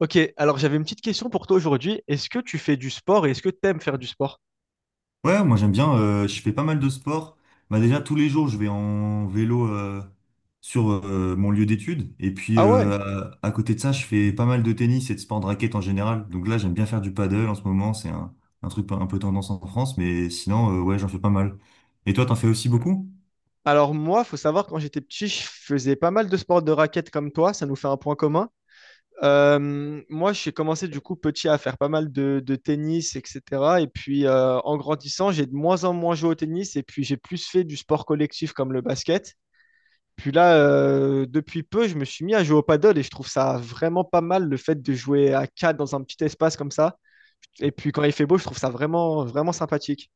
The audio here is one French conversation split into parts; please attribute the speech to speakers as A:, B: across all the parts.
A: Ok, alors j'avais une petite question pour toi aujourd'hui. Est-ce que tu fais du sport et est-ce que tu aimes faire du sport?
B: Ouais, moi j'aime bien, je fais pas mal de sport. Bah déjà tous les jours je vais en vélo, sur mon lieu d'études. Et puis
A: Ah ouais.
B: à côté de ça je fais pas mal de tennis et de sport de raquette en général. Donc là j'aime bien faire du paddle en ce moment, c'est un truc un peu tendance en France, mais sinon ouais, j'en fais pas mal. Et toi, t'en fais aussi beaucoup?
A: Alors moi, faut savoir, quand j'étais petit, je faisais pas mal de sports de raquettes comme toi, ça nous fait un point commun. Moi, j'ai commencé du coup petit à faire pas mal de tennis, etc. Et puis en grandissant, j'ai de moins en moins joué au tennis et puis j'ai plus fait du sport collectif comme le basket. Puis là, depuis peu, je me suis mis à jouer au paddle et je trouve ça vraiment pas mal le fait de jouer à 4 dans un petit espace comme ça. Et puis quand il fait beau, je trouve ça vraiment, vraiment sympathique.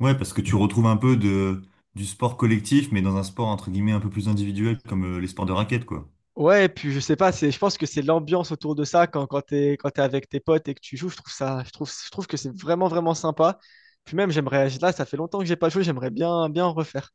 B: Ouais, parce que tu retrouves un peu de, du sport collectif, mais dans un sport entre guillemets un peu plus individuel comme les sports de raquette, quoi.
A: Ouais, et puis je sais pas, c'est, je pense que c'est l'ambiance autour de ça quand, quand t'es avec tes potes et que tu joues, je trouve ça, je trouve que c'est vraiment, vraiment sympa. Puis même, j'aimerais, là, ça fait longtemps que j'ai pas joué, j'aimerais bien, bien en refaire.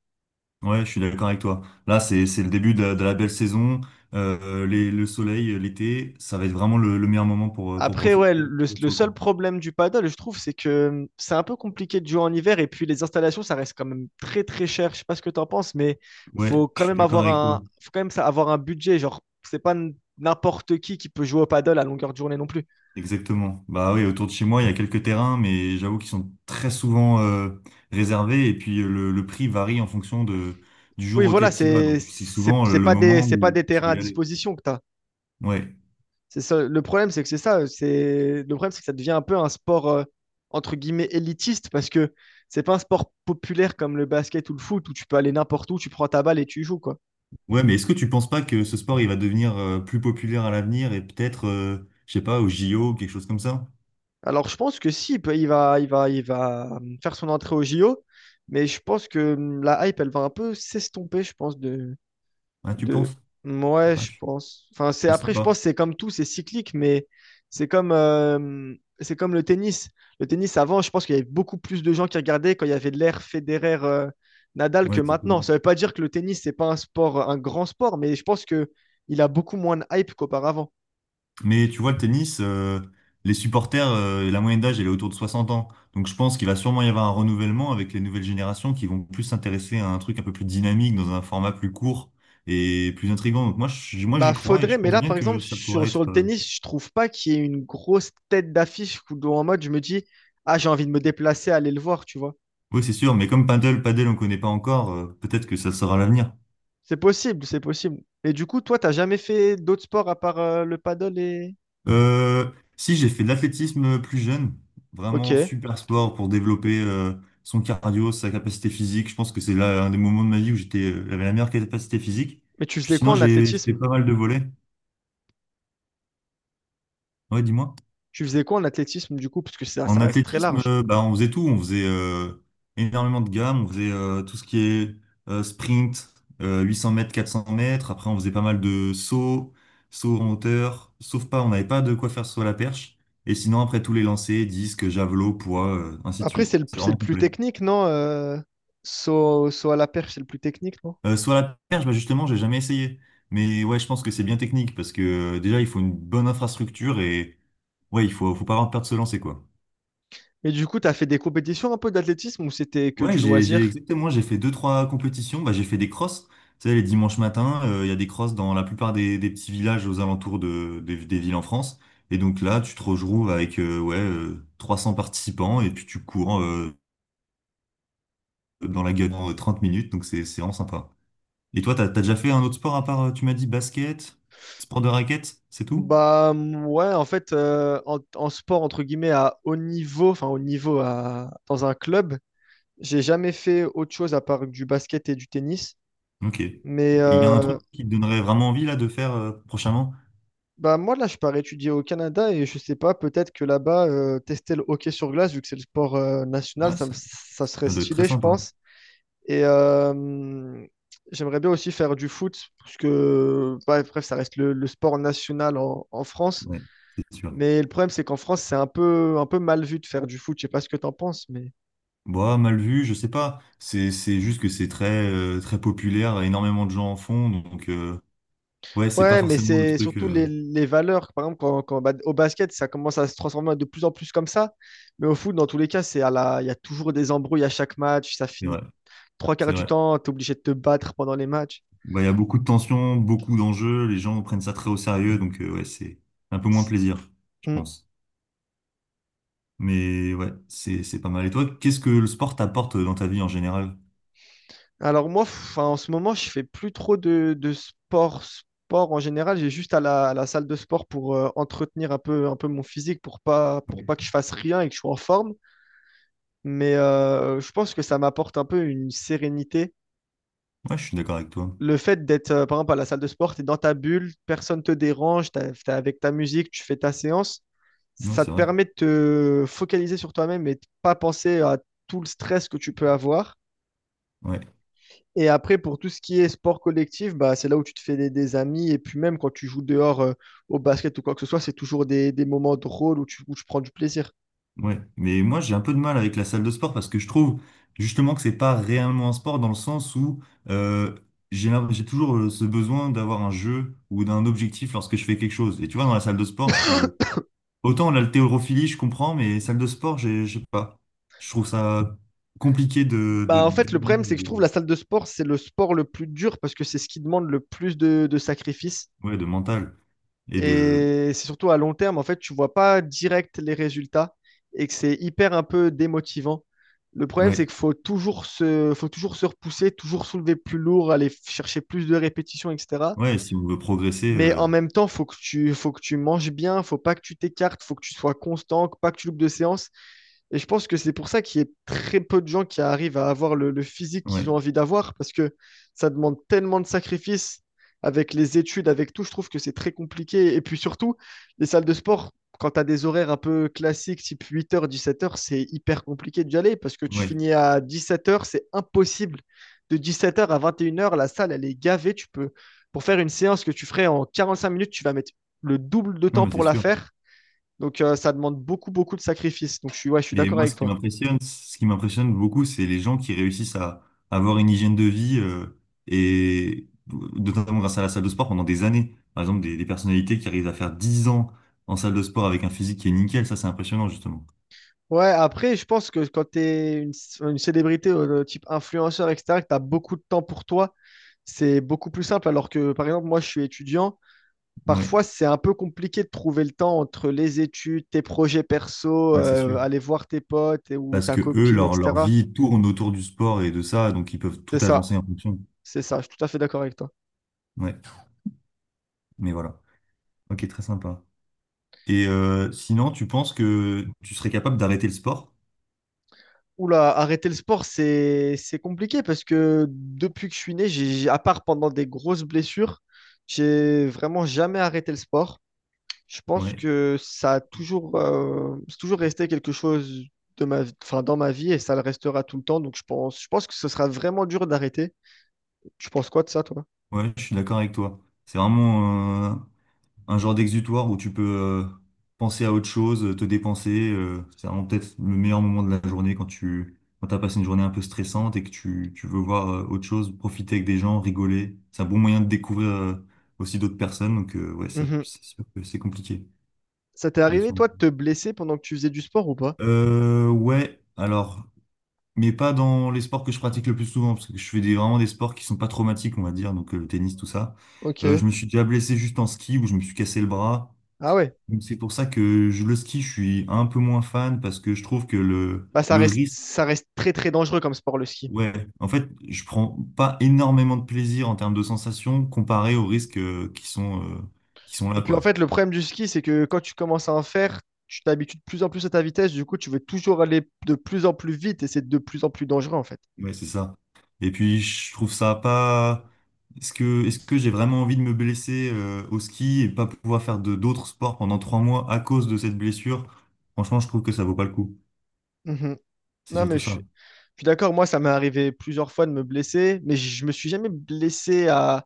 B: Ouais, je suis d'accord avec toi. Là, c'est le début de la belle saison. Le soleil, l'été, ça va être vraiment le meilleur moment pour
A: Après, ouais,
B: profiter, pour être
A: le
B: sur le
A: seul
B: cours.
A: problème du paddle, je trouve, c'est que c'est un peu compliqué de jouer en hiver et puis les installations, ça reste quand même très très cher. Je sais pas ce que tu en penses, mais
B: Ouais,
A: faut
B: je
A: quand
B: suis
A: même
B: d'accord
A: avoir
B: avec toi.
A: un, faut quand même avoir un budget. Genre, c'est pas n'importe qui peut jouer au paddle à longueur de journée non plus.
B: Exactement. Bah oui, autour de chez moi, il y a quelques terrains, mais j'avoue qu'ils sont très souvent réservés, et puis le prix varie en fonction du jour
A: Oui, voilà,
B: auquel tu y vas. Donc
A: c'est
B: c'est
A: c'est
B: souvent
A: c'est
B: le
A: pas des
B: moment
A: c'est pas
B: où
A: des
B: tu
A: terrains
B: veux
A: à
B: y aller.
A: disposition que t'as.
B: Ouais.
A: C'est ça. Le problème, c'est que c'est ça. C'est le problème, c'est que ça devient un peu un sport entre guillemets élitiste parce que c'est pas un sport populaire comme le basket ou le foot où tu peux aller n'importe où, tu prends ta balle et tu y joues, quoi.
B: Ouais, mais est-ce que tu penses pas que ce sport, il va devenir plus populaire à l'avenir, et peut-être, je sais pas, au JO, quelque chose comme ça?
A: Alors, je pense que si, il peut- il va, il va, il va faire son entrée au JO, mais je pense que la hype, elle va un peu s'estomper, je pense, de,
B: Hein, tu
A: de...
B: penses?
A: Ouais,
B: Ouais,
A: je
B: je,
A: pense. Enfin, c'est
B: je sais
A: après, je
B: pas.
A: pense, que c'est comme tout, c'est cyclique, mais c'est comme, euh, c'est comme le tennis. Le tennis, avant, je pense qu'il y avait beaucoup plus de gens qui regardaient quand il y avait l'ère Federer, Nadal
B: Ouais,
A: que maintenant.
B: exactement.
A: Ça veut pas dire que le tennis, c'est pas un sport, un grand sport, mais je pense que il a beaucoup moins de hype qu'auparavant.
B: Mais tu vois, le tennis, les supporters, la moyenne d'âge, elle est autour de 60 ans. Donc je pense qu'il va sûrement y avoir un renouvellement, avec les nouvelles générations qui vont plus s'intéresser à un truc un peu plus dynamique, dans un format plus court et plus intriguant. Donc moi, moi
A: Bah,
B: j'y crois, et
A: faudrait,
B: je
A: mais
B: pense
A: là,
B: bien
A: par
B: que
A: exemple,
B: ça pourrait être...
A: sur le
B: euh,
A: tennis, je trouve pas qu'il y ait une grosse tête d'affiche où, dont en mode, je me dis, ah, j'ai envie de me déplacer, aller le voir, tu vois.
B: Oui, c'est sûr, mais comme paddle, paddle, on connaît pas encore, peut-être que ça sera l'avenir.
A: C'est possible, c'est possible. Et du coup, toi, t'as jamais fait d'autres sports à part le paddle et.
B: Euh, Si, j'ai fait de l'athlétisme plus jeune.
A: Ok.
B: Vraiment
A: Mais
B: super sport pour développer son cardio, sa capacité physique. Je pense que c'est là un des moments de ma vie où j'avais la meilleure capacité physique.
A: tu
B: Puis
A: faisais quoi
B: sinon,
A: en
B: j'ai fait
A: athlétisme?
B: pas mal de volets. Ouais, dis-moi.
A: Tu faisais quoi en athlétisme, du coup? Parce que ça,
B: En
A: ça reste très
B: athlétisme,
A: large.
B: bah, on faisait tout. On faisait énormément de gammes. On faisait tout ce qui est sprint, 800 mètres, 400 mètres. Après, on faisait pas mal de sauts, sauts en hauteur. Sauf pas, on n'avait pas de quoi faire sur la perche. Et sinon, après, tous les lancers, disques, javelots, poids, ainsi de
A: Après,
B: suite. C'est
A: c'est le
B: vraiment
A: plus
B: complet.
A: technique, non? Saut à la perche, c'est le plus technique, non?
B: Sur la perche, bah, justement, j'ai jamais essayé. Mais ouais, je pense que c'est bien technique, parce que déjà, il faut une bonne infrastructure, et ouais, il faut pas avoir peur de se lancer, quoi.
A: Mais du coup, t'as fait des compétitions un peu d'athlétisme ou c'était que
B: Ouais,
A: du
B: j'ai
A: loisir?
B: exactement, j'ai fait deux, trois compétitions. Bah, j'ai fait des crosses. Tu sais, les dimanches matins, il y a des crosses dans la plupart des petits villages aux alentours des villes en France. Et donc là, tu te retrouves avec ouais, 300 participants, et puis tu cours dans la gueule en 30 minutes. Donc c'est vraiment sympa. Et toi, t'as déjà fait un autre sport, à part, tu m'as dit basket, sport de raquette, c'est tout?
A: Ouais, en fait, en sport entre guillemets à haut niveau, enfin haut niveau à, dans un club, j'ai jamais fait autre chose à part du basket et du tennis.
B: Ok. Et
A: Mais
B: il y a un
A: euh,
B: truc qui te donnerait vraiment envie là de faire, prochainement?
A: Bah moi là, je pars étudier au Canada et je sais pas, peut-être que là-bas, tester le hockey sur glace, vu que c'est le sport national,
B: Ouais, ça,
A: ça serait
B: ça doit être très
A: stylé, je
B: sympa.
A: pense. Et euh, mm, J'aimerais bien aussi faire du foot, parce que bah, bref, ça reste le sport national en en France.
B: Ouais, c'est sûr.
A: Mais le problème, c'est qu'en France, c'est un peu mal vu de faire du foot. Je sais pas ce que tu en penses, mais.
B: Bah, mal vu, je sais pas. C'est juste que c'est très très populaire, énormément de gens en font, donc ouais, c'est pas
A: Ouais, mais
B: forcément le
A: c'est
B: truc.
A: surtout les valeurs. Par exemple, bah, au basket, ça commence à se transformer de plus en plus comme ça. Mais au foot, dans tous les cas, c'est à la... il y a toujours des embrouilles à chaque match. Ça
B: C'est
A: finit
B: vrai,
A: trois quarts
B: c'est
A: du
B: vrai.
A: temps. Tu es obligé de te battre pendant les matchs.
B: Bah, il y a beaucoup de tensions, beaucoup d'enjeux, les gens prennent ça très au sérieux, donc ouais, c'est un peu moins
A: C'est-
B: plaisir, je
A: Mm.
B: pense. Mais ouais, c'est pas mal. Et toi, qu'est-ce que le sport t'apporte dans ta vie en général?
A: Alors, moi, enfin, en ce moment, je fais plus trop de sport, sport en général. J'ai juste à la salle de sport pour entretenir un peu mon physique, pour pas
B: Ouais.
A: que je fasse rien et que je sois en forme. Je pense que ça m'apporte un peu une sérénité.
B: Ouais, je suis d'accord avec toi.
A: Le fait d'être, par exemple, à la salle de sport, tu es dans ta bulle, personne te dérange, tu es avec ta musique, tu fais ta séance.
B: Ouais,
A: Ça
B: c'est
A: te
B: vrai.
A: permet de te focaliser sur toi-même et de pas penser à tout le stress que tu peux avoir.
B: Ouais.
A: Et après, pour tout ce qui est sport collectif, bah, c'est là où tu te fais des amis. Et puis même quand tu joues dehors, au basket ou quoi que ce soit, c'est toujours des moments drôles où où tu prends du plaisir.
B: Ouais, mais moi, j'ai un peu de mal avec la salle de sport, parce que je trouve justement que c'est pas réellement un sport, dans le sens où euh, j'ai toujours ce besoin d'avoir un jeu ou d'un objectif lorsque je fais quelque chose. Et tu vois, dans la salle de sport, je suis, autant l'haltérophilie, je comprends, mais salle de sport, je sais pas. Je trouve ça compliqué
A: Bah, en fait, le
B: d'aimer,
A: problème, c'est que je trouve la salle de sport, c'est le sport le plus dur parce que c'est ce qui demande le plus de sacrifices.
B: ouais, de mental et de
A: Et c'est surtout à long terme, en fait, tu vois pas direct les résultats et que c'est hyper un peu démotivant. Le problème, c'est
B: ouais,
A: qu'il faut faut toujours se repousser, toujours soulever plus lourd, aller chercher plus de répétitions, etc.
B: ouais, si on veut progresser,
A: Mais en même temps, faut que tu manges bien, faut pas que tu t'écartes, faut que tu sois constant, pas que tu loupes de séances. Et je pense que c'est pour ça qu'il y a très peu de gens qui arrivent à avoir le physique qu'ils
B: ouais,
A: ont envie d'avoir, parce que ça demande tellement de sacrifices avec les études, avec tout. Je trouve que c'est très compliqué. Et puis surtout, les salles de sport, quand tu as des horaires un peu classiques, type 8 h, 17 heures, c'est hyper compliqué d'y aller, parce que tu
B: ouais.
A: finis à 17 heures, c'est impossible. De 17 heures à 21 heures, la salle, elle est gavée. Tu peux, pour faire une séance que tu ferais en 45 minutes, tu vas mettre le double de
B: Non,
A: temps
B: mais c'est
A: pour la
B: sûr.
A: faire donc, ça demande beaucoup, beaucoup de sacrifices. Donc, ouais, je suis
B: Et
A: d'accord
B: moi,
A: avec toi.
B: ce qui m'impressionne beaucoup, c'est les gens qui réussissent à avoir une hygiène de vie, et notamment grâce à la salle de sport pendant des années. Par exemple, des personnalités qui arrivent à faire 10 ans en salle de sport avec un physique qui est nickel, ça, c'est impressionnant, justement.
A: Ouais, après, je pense que quand une célébrité type influenceur, etc., que tu as beaucoup de temps pour toi, c'est beaucoup plus simple. Alors que, par exemple, moi, je suis étudiant.
B: Ouais,
A: Parfois, c'est un peu compliqué de trouver le temps entre les études, tes projets perso,
B: ouais, c'est sûr.
A: aller voir tes potes ou
B: Parce
A: ta
B: que eux,
A: copine,
B: leur
A: etc.
B: vie tourne autour du sport et de ça, donc ils peuvent tout
A: C'est ça,
B: agencer en fonction.
A: c'est ça. Je suis tout à fait d'accord avec toi.
B: Ouais, mais voilà. Ok, très sympa. Et sinon, tu penses que tu serais capable d'arrêter le sport?
A: Oula, arrêter le sport, c'est compliqué parce que depuis que je suis né, à part pendant des grosses blessures, j'ai vraiment jamais arrêté le sport. Je pense
B: Ouais,
A: que ça a toujours, c'est toujours resté quelque chose enfin, dans ma vie et ça le restera tout le temps. Donc je pense que ce sera vraiment dur d'arrêter. Tu penses quoi de ça, toi?
B: ouais, je suis d'accord avec toi. C'est vraiment un genre d'exutoire où tu peux penser à autre chose, te dépenser. C'est vraiment peut-être le meilleur moment de la journée, quand t'as passé une journée un peu stressante et que tu veux voir autre chose, profiter avec des gens, rigoler. C'est un bon moyen de découvrir aussi d'autres personnes. Donc ouais, ça,
A: Mhm.
B: c'est sûr que c'est compliqué
A: Ça t'est
B: de
A: arrivé, toi, de te blesser pendant que tu faisais du sport ou pas?
B: Ouais, alors. Mais pas dans les sports que je pratique le plus souvent, parce que je fais vraiment des sports qui sont pas traumatiques, on va dire, donc le tennis, tout ça. Je
A: Ok.
B: me suis déjà blessé juste en ski, où je me suis cassé le bras.
A: Ah ouais.
B: Donc c'est pour ça que je, le ski, je suis un peu moins fan, parce que je trouve que le,
A: Bah
B: le risque,
A: ça reste très très dangereux comme sport, le ski.
B: ouais, en fait, je prends pas énormément de plaisir en termes de sensations comparé aux risques qui sont
A: Et
B: là,
A: puis en
B: quoi.
A: fait, le problème du ski, c'est que quand tu commences à en faire, tu t'habitues de plus en plus à ta vitesse. Du coup, tu veux toujours aller de plus en plus vite et c'est de plus en plus dangereux en fait.
B: Ouais, c'est ça. Et puis je trouve ça pas. Est-ce que j'ai vraiment envie de me blesser au ski et pas pouvoir faire de d'autres sports pendant 3 mois à cause de cette blessure? Franchement, je trouve que ça vaut pas le coup.
A: Mhm.
B: C'est
A: Non, mais
B: surtout
A: je suis,
B: ça.
A: je suis d'accord. Moi, ça m'est arrivé plusieurs fois de me blesser, mais je me suis jamais blessé à,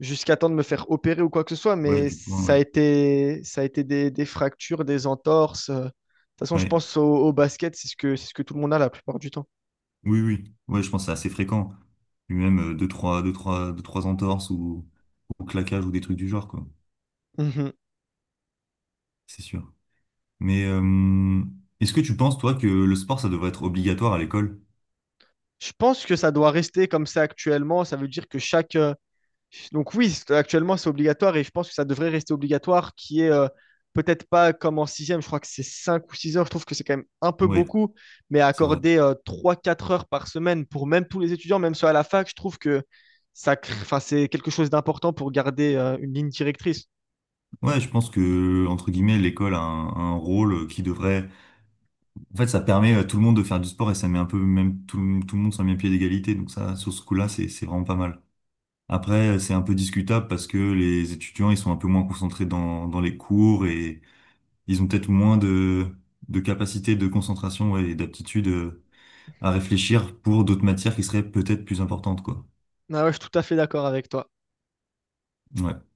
A: jusqu'à temps de me faire opérer ou quoi que ce soit,
B: Ouais,
A: mais
B: du coup, ouais.
A: ça a été des fractures, des entorses. De toute façon, je
B: Ouais.
A: pense au basket, c'est ce que tout le monde a la plupart du temps.
B: Oui, oui, ouais, je pense que c'est assez fréquent. Puis même deux, trois entorses, ou claquages, ou des trucs du genre, quoi.
A: Mhm.
B: C'est sûr. Mais est-ce que tu penses, toi, que le sport, ça devrait être obligatoire à l'école?
A: Je pense que ça doit rester comme ça actuellement. Ça veut dire que chaque, donc oui, actuellement c'est obligatoire et je pense que ça devrait rester obligatoire, qui est peut-être pas comme en sixième, je crois que c'est 5 ou 6 heures, je trouve que c'est quand même un peu
B: Ouais,
A: beaucoup, mais
B: c'est vrai.
A: accorder 3 4 heures par semaine pour même tous les étudiants, même ceux à la fac, je trouve que enfin, c'est quelque chose d'important pour garder une ligne directrice.
B: Ouais, je pense que, entre guillemets, l'école a un rôle qui devrait. En fait, ça permet à tout le monde de faire du sport, et ça met un peu même le tout le monde sur le même pied d'égalité. Donc ça, sur ce coup-là, c'est vraiment pas mal. Après, c'est un peu discutable, parce que les étudiants, ils sont un peu moins concentrés dans les cours, et ils ont peut-être moins de capacité de concentration, ouais, et d'aptitude, à réfléchir pour d'autres matières qui seraient peut-être plus importantes, quoi.
A: Ah ouais, je suis tout à fait d'accord avec toi.
B: Ouais.